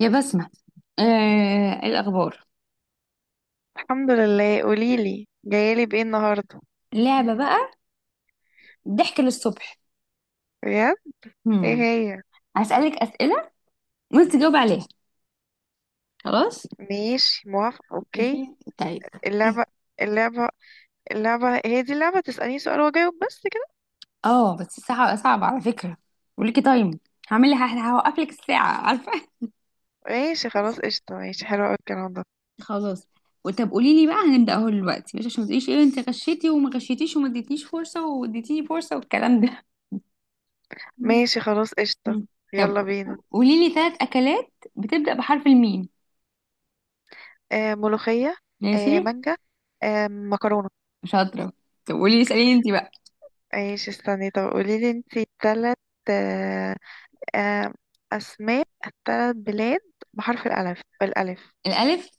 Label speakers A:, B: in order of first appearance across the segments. A: يا بسمة، آه الأخبار.
B: الحمد لله، قوليلي جايالي بايه النهارده؟
A: لعبة بقى، ضحك للصبح.
B: بجد. ايه
A: هم.
B: هي؟
A: هسألك أسئلة وانت تجاوب عليها. خلاص.
B: ماشي، موافقة، اوكي.
A: ماشي طيب.
B: اللعبة اللعبة اللعبة هي دي اللعبة، تسأليني سؤال واجاوب بس كده.
A: اه، بس الساعة صعبة على فكرة، وليكي تايم. هعمل لها، هوقف لك الساعة عارفة
B: ماشي خلاص قشطة، ماشي حلو اوي الكلام ده.
A: خلاص. وطب قولي لي بقى، هنبدأ اهو دلوقتي، مش عشان ما تقوليش ايه انت غشيتي وما غشيتيش وما اديتنيش فرصة واديتيني فرصة والكلام ده. مم.
B: ماشي خلاص قشطة.
A: مم. طب
B: يلا بينا.
A: قولي لي ثلاث أكلات بتبدأ بحرف الميم.
B: آه، ملوخية.
A: ماشي
B: آه، مانجا. آه، مكرونة.
A: شاطرة. طب قولي لي، اسأليني انت بقى.
B: ماشي، استني طب قوليلي انتي تلات، آه آه اسماء، تلات بلاد بحرف الألف، بالألف.
A: الألف.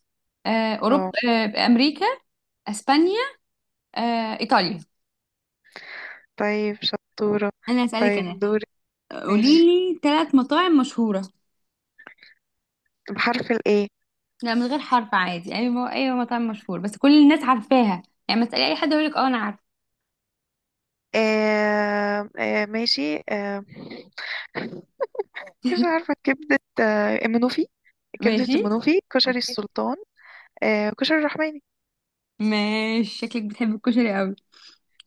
A: آه، أوروبا.
B: اه.
A: آه، أمريكا. أسبانيا. آه، إيطاليا.
B: طيب شطورة.
A: أنا هسألك
B: طيب
A: أنا.
B: دورك.
A: قولي
B: ماشي.
A: لي ثلاث مطاعم مشهورة.
B: بحرف الايه.
A: لا، من غير حرف، عادي، أي أي مطاعم مشهورة بس كل الناس عارفاها. يعني ما تسألي أي حد يقول لك أنا عارفة.
B: آه آه ماشي آه مش عارفة، كبدة المنوفي. كبدة
A: ماشي،
B: المنوفي، كشري
A: اوكي.
B: السلطان. كشري الرحماني.
A: ماشي، شكلك بتحب الكشري قوي.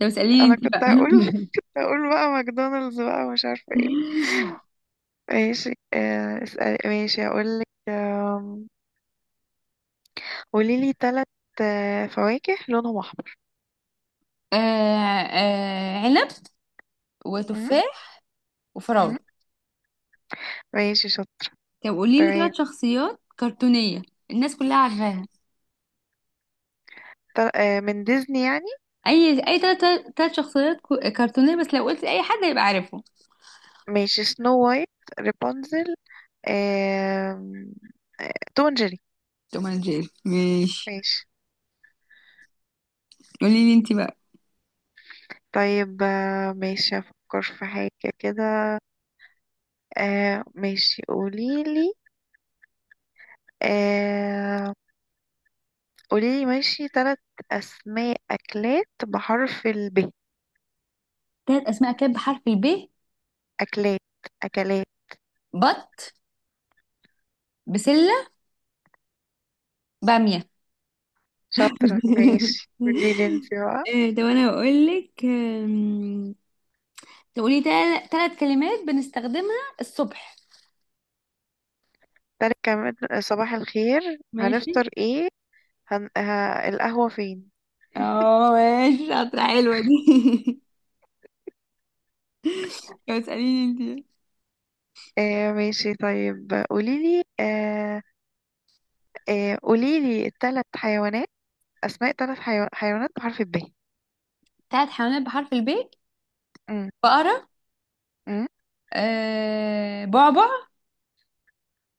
A: طب اسأليني
B: أنا
A: أنت بقى.
B: كنت هقول، كنت هقول بقى ماكدونالدز بقى، ومش عارفة ايه. ماشي. اسأل. ماشي هقولك. قوليلي تلت فواكه لونهم أحمر.
A: آه، عنب
B: م-
A: وتفاح
B: م-
A: وفراولة.
B: ماشي شاطر.
A: طب قولي لي
B: تمام.
A: ثلاث شخصيات كرتونية الناس كلها عارفاها.
B: من ديزني يعني.
A: اي اي تلات، تلات شخصيات كرتونيه بس لو قلت اي حد هيبقى عارفهم.
B: ماشي، سنو وايت، رابنزل، آم، آه، توم اند جيري.
A: توم اند جيري، ماشي.
B: ماشي.
A: قولي لي انت بقى.
B: طيب ماشي افكر في حاجة كده. ماشي قوليلي. آه، قوليلي ماشي تلات اسماء اكلات بحرف الب.
A: تلات اسماء كانت بحرف الب.
B: اكلات اكلات.
A: بط، بسله، باميه
B: شاطرة ماشي، قوليلي انتي بقى.
A: إيه، طب انا بقول لك، تقولي تلات كلمات بنستخدمها الصبح.
B: تالت كمان. صباح الخير،
A: ماشي.
B: هنفطر ايه؟ هن... ه... القهوة فين؟
A: اه، ماشي شاطرة، حلوة دي طب اسأليني انت.
B: ماشي، طيب قوليلي، قوليلي تلات حيوانات، أسماء ثلاث حيوانات بحرف الب.
A: تلات حيوانات بحرف الب.
B: أم،
A: بقره،
B: أم،
A: آه بعبع،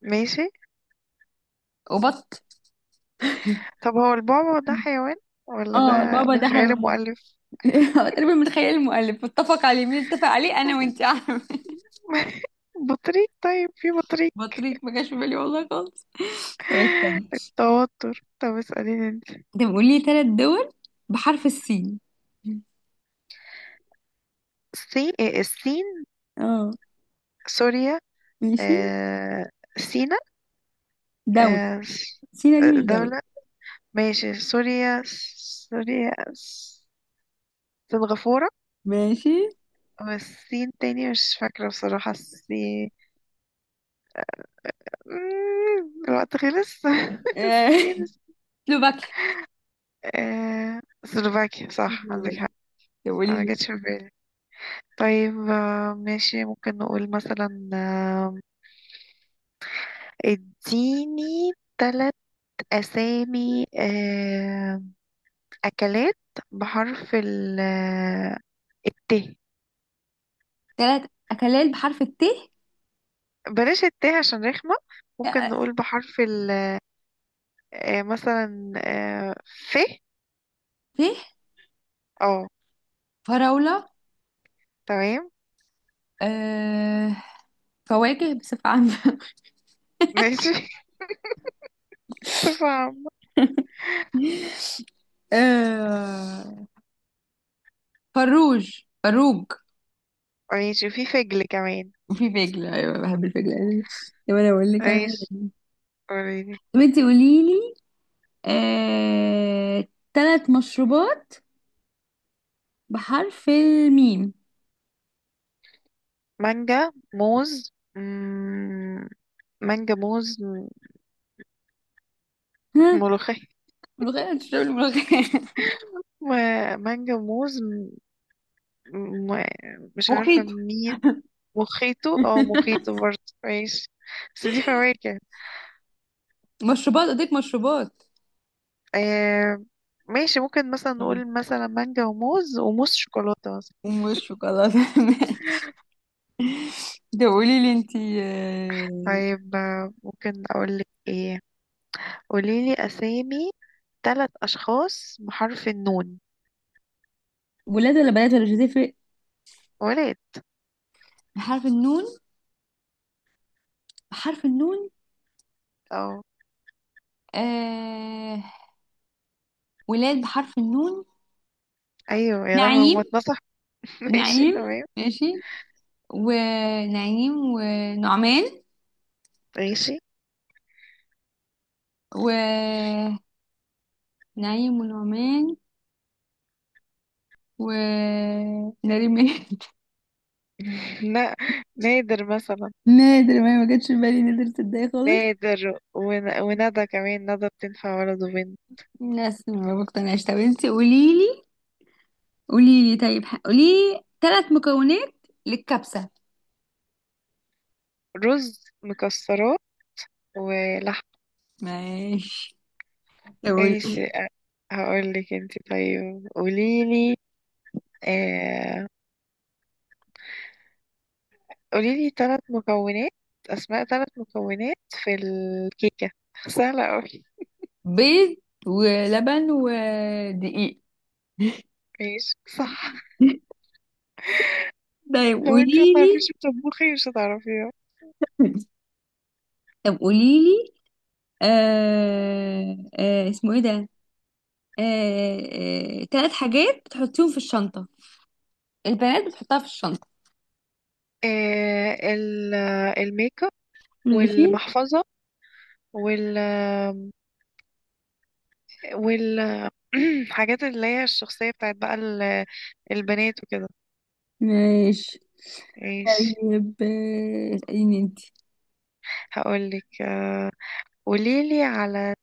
B: ماشي.
A: وبط.
B: طب هو البعبع ده حيوان ولا ده
A: اه، البابا
B: من
A: ده
B: خيال
A: حيوان.
B: المؤلف.
A: هو تقريبا من خيال المؤلف، اتفق عليه مين؟ اتفق عليه انا وانت عارفه.
B: بطريق، طيب في بطريق.
A: بطريق ما جاش في بالي والله خالص. طب استنى.
B: توتر. طب اسأليني انت.
A: انت بتقول لي ثلاث دول بحرف السين.
B: الصين، إيه، الصين،
A: اه،
B: سوريا،
A: ماشي.
B: آه... سينا،
A: دولة.
B: آه... س-
A: سينا دي مش دولة.
B: دولة. ماشي سوريا، سوريا س- سنغافورة،
A: ماشي.
B: والصين تاني. مش فاكرة بصراحة الصين. الوقت خلص.
A: آه،
B: الصين.
A: سلوفاكيا.
B: سلوفاكيا، صح عندك
A: سلوفاكيا.
B: حق.
A: طب قولي
B: ما
A: لي.
B: جاتش في بالي. طيب ماشي، ممكن نقول مثلا اديني ثلاث أسامي، أكلات بحرف ال، الت.
A: ثلاث اكلات بحرف الت.
B: بلاش الت عشان رخمة. ممكن
A: آه،
B: نقول بحرف ال مثلا آه، ف.
A: ت
B: اه.
A: فراولة.
B: تمام.
A: آه، فواكه بصفة عامة
B: ماشي، بصفة عامة.
A: آه، فروج فروج.
B: ماشي، وفي فجل كمان.
A: وفي فجل، ايوه بحب الفجل. طب انا اقول لك انا.
B: ماشي قوليلي.
A: طب انت قولي لي. آه... ثلاث مشروبات بحرف الميم.
B: مانجا، موز، مانجا، موز،
A: ها،
B: ملوخية.
A: ملوخية تشرب الملوخية
B: مانجا، موز، مش عارفة
A: مخيط.
B: مين. مخيطه، اه مخيطه برضه، ماشي، بس دي فواكه.
A: مشروبات، اديك مشروبات.
B: آه، ماشي ممكن مثلا
A: مم.
B: نقول مثلا مانجا، وموز، شوكولاتة مثلا.
A: ومش شوكولاتة ده قولي لي انت. آه...
B: طيب ممكن أقولك ايه. قوليلي أسامي، تلات أشخاص بحرف النون.
A: ولاد ولا بنات ولا مش هتفرق؟
B: ولاد.
A: بحرف النون. بحرف النون.
B: اه.
A: آه... ولاد بحرف النون.
B: أيوه، يا لهوي، ما
A: نعيم.
B: اتنصح. ماشي
A: نعيم،
B: تمام.
A: ماشي. ونعيم ونعمان،
B: ماشي.
A: ونعيم ونعمان، ونادر ماهر
B: لا، نادر مثلا.
A: نادر ماهر ما جاتش في بالي، نادر تصدقي خالص.
B: نادر وندى كمان، ندى بتنفع ولد وبنت.
A: بس ما بقتنعش. طب انتي قوليلي. قوليلي طيب، قوليلي ثلاث مكونات للكبسة.
B: رز، مكسرات، ولحم.
A: ماشي. طب قولي.
B: ماشي. هقول لك انت، طيب قوليلي آه قوليلي ثلاث مكونات، اسماء ثلاث مكونات في الكيكة، سهلة قوي.
A: بيض ولبن ودقيق
B: ماشي صح.
A: طيب
B: لو انت ما تعرفيش
A: قوليلي.
B: تطبخي مش هتعرفيها.
A: طب قوليلي. آه، اسمه ايه ده؟ آه، تلات حاجات بتحطيهم في الشنطة، البنات بتحطها في الشنطة.
B: آه ال- الميك اب،
A: ماشي.
B: والمحفظة، وال وال حاجات اللي هي الشخصية بتاعت بقى البنات وكده.
A: ماشي
B: ماشي.
A: طيب. آه، اسأليني انت.
B: هقولك قوليلي على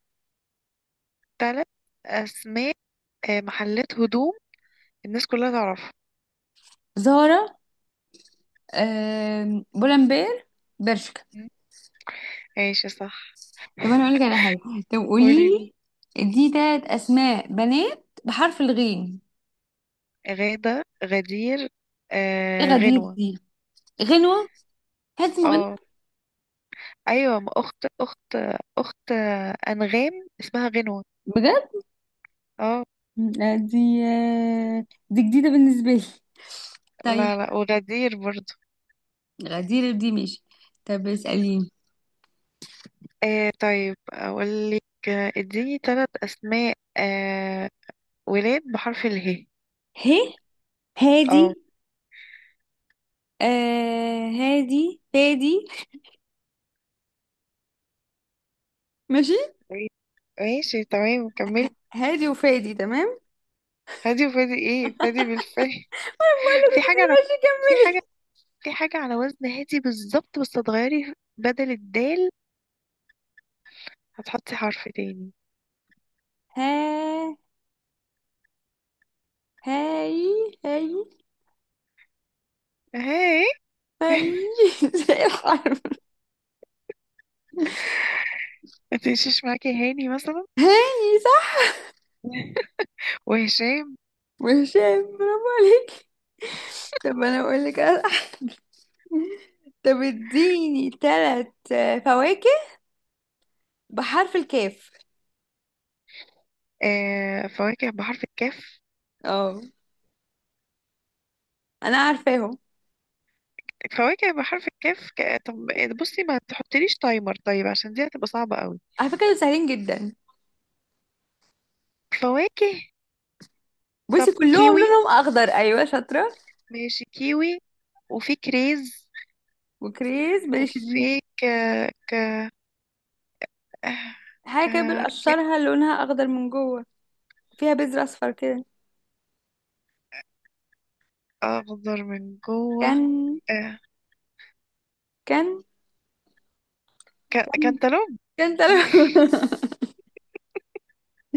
B: ثلاث أسماء محلات هدوم الناس كلها تعرفها.
A: زهرة، آه، بولمبير، برشكا.
B: م؟ ماشي صح.
A: طب انا اقولك على حاجة. طب
B: قولي.
A: قوليلي دي تلات اسماء بنات بحرف الغين.
B: غادة، غدير،
A: الغدير
B: غنوة.
A: دي، غنوة؟ حد اسمه
B: اه.
A: غنوة؟
B: ايوه، ما اخت انغام اسمها غنوة.
A: بجد؟
B: اه.
A: لا، دي، آه، دي جديدة بالنسبة لي. طيب،
B: لا لا، وغدير برضو.
A: غدير دي ماشي. طب اسأليني.
B: آه، طيب اقول لك اديني ثلاث اسماء ولاد بحرف اله.
A: هي،
B: اه.
A: هادي، آه هادي فادي، ماشي.
B: قولي. ماشي تمام، كملي.
A: هادي وفادي تمام.
B: هادي وفادي، ايه، فادي بالفعل.
A: بقول
B: في
A: لك انت،
B: حاجة أنا،
A: ماشي
B: في حاجة،
A: كملي.
B: في حاجة على وزن هادي بالظبط، بس هتغيري بدل الدال هتحطي حرف تاني.
A: ها، هاي، هاي،
B: هاي.
A: هاي زي الحرف.
B: متمشيش معاكي، هاني مثلا،
A: هاي صح،
B: وهشام.
A: وهشام. برافو عليك. طب انا اقول لك طب اديني ثلاث فواكه بحرف الكاف.
B: آه، فواكه بحرف الكاف.
A: اه، انا عارفاهم،
B: فواكه بحرف الكاف، طب بصي ما تحطليش تايمر طيب، عشان دي هتبقى صعبة قوي.
A: على فكره دول سهلين جدا.
B: فواكه. طب
A: بصي كلهم
B: كيوي.
A: لونهم اخضر، ايوه شاطره.
B: ماشي كيوي. وفي كريز.
A: وكريز، ماشي دي.
B: وفي ك... ك... آه، ك...
A: حاجه كده
B: ك...
A: بنقشرها لونها اخضر من جوه، فيها بذر اصفر كده.
B: اخضر من جوه.
A: كان،
B: آه،
A: كان، كان،
B: كانتالوب.
A: كان تل-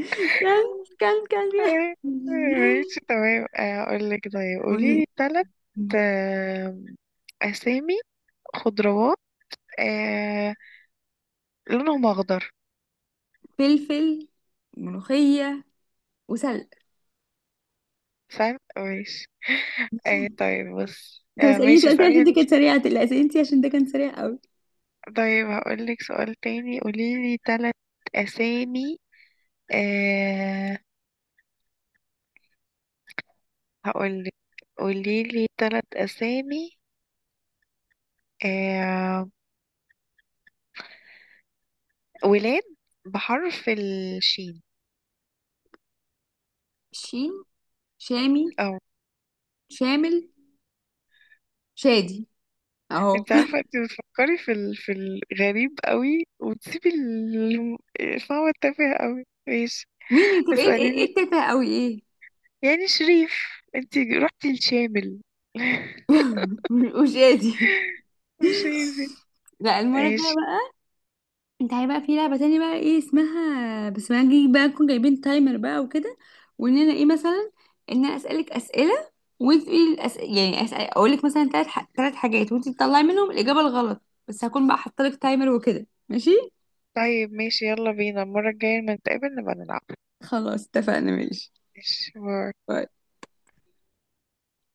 A: كان، كان، كان فيها.
B: آه، ماشي تمام، اقول لك، طيب قولي لي ثلاث اسامي خضروات، آه، لونهم اخضر.
A: فلفل، ملوخية، وسلق.
B: سهل، ماشي. طيب بص،
A: انت بتسأليني
B: ماشي
A: سؤال تاني عشان
B: اسالني
A: انت
B: انت.
A: كانت سريعة، لا سألتي عشان ده كان سريع قوي.
B: طيب هقول لك سؤال تاني، قولي لي ثلاث اسامي، آه، هقول لك قولي لي ثلاث اسامي ولاد بحرف الشين.
A: شين. شامي،
B: اه.
A: شامل، شادي، اهو.
B: انت عارفة انت بتفكري في في الغريب قوي، وتسيبي فهو التافه قوي. ماشي
A: مين تبقى؟ ايه ايه، إيه
B: اسأليني،
A: التافهة قوي؟ ايه
B: يعني شريف، انت رحتي الشامل.
A: وشادي.
B: مش عايزين.
A: لا، المرة
B: ماشي.
A: الجاية. انت عارف بقى في لعبة تانية بقى، ايه اسمها بس، ما نجي بقى نكون جايبين تايمر بقى وكده. وان انا ايه مثلا ان انا اسألك اسئلة، وانت تقولي يعني اسأل اقول لك مثلا ثلاث ثلاث حاجات وانت تطلعي منهم الإجابة الغلط. بس هكون بقى حاطه لك تايمر وكده، ماشي.
B: طيب ماشي، يلا بينا المرة الجاية لما نتقابل نبقى نلعب.
A: خلاص اتفقنا، ماشي.
B: ماشي، باي.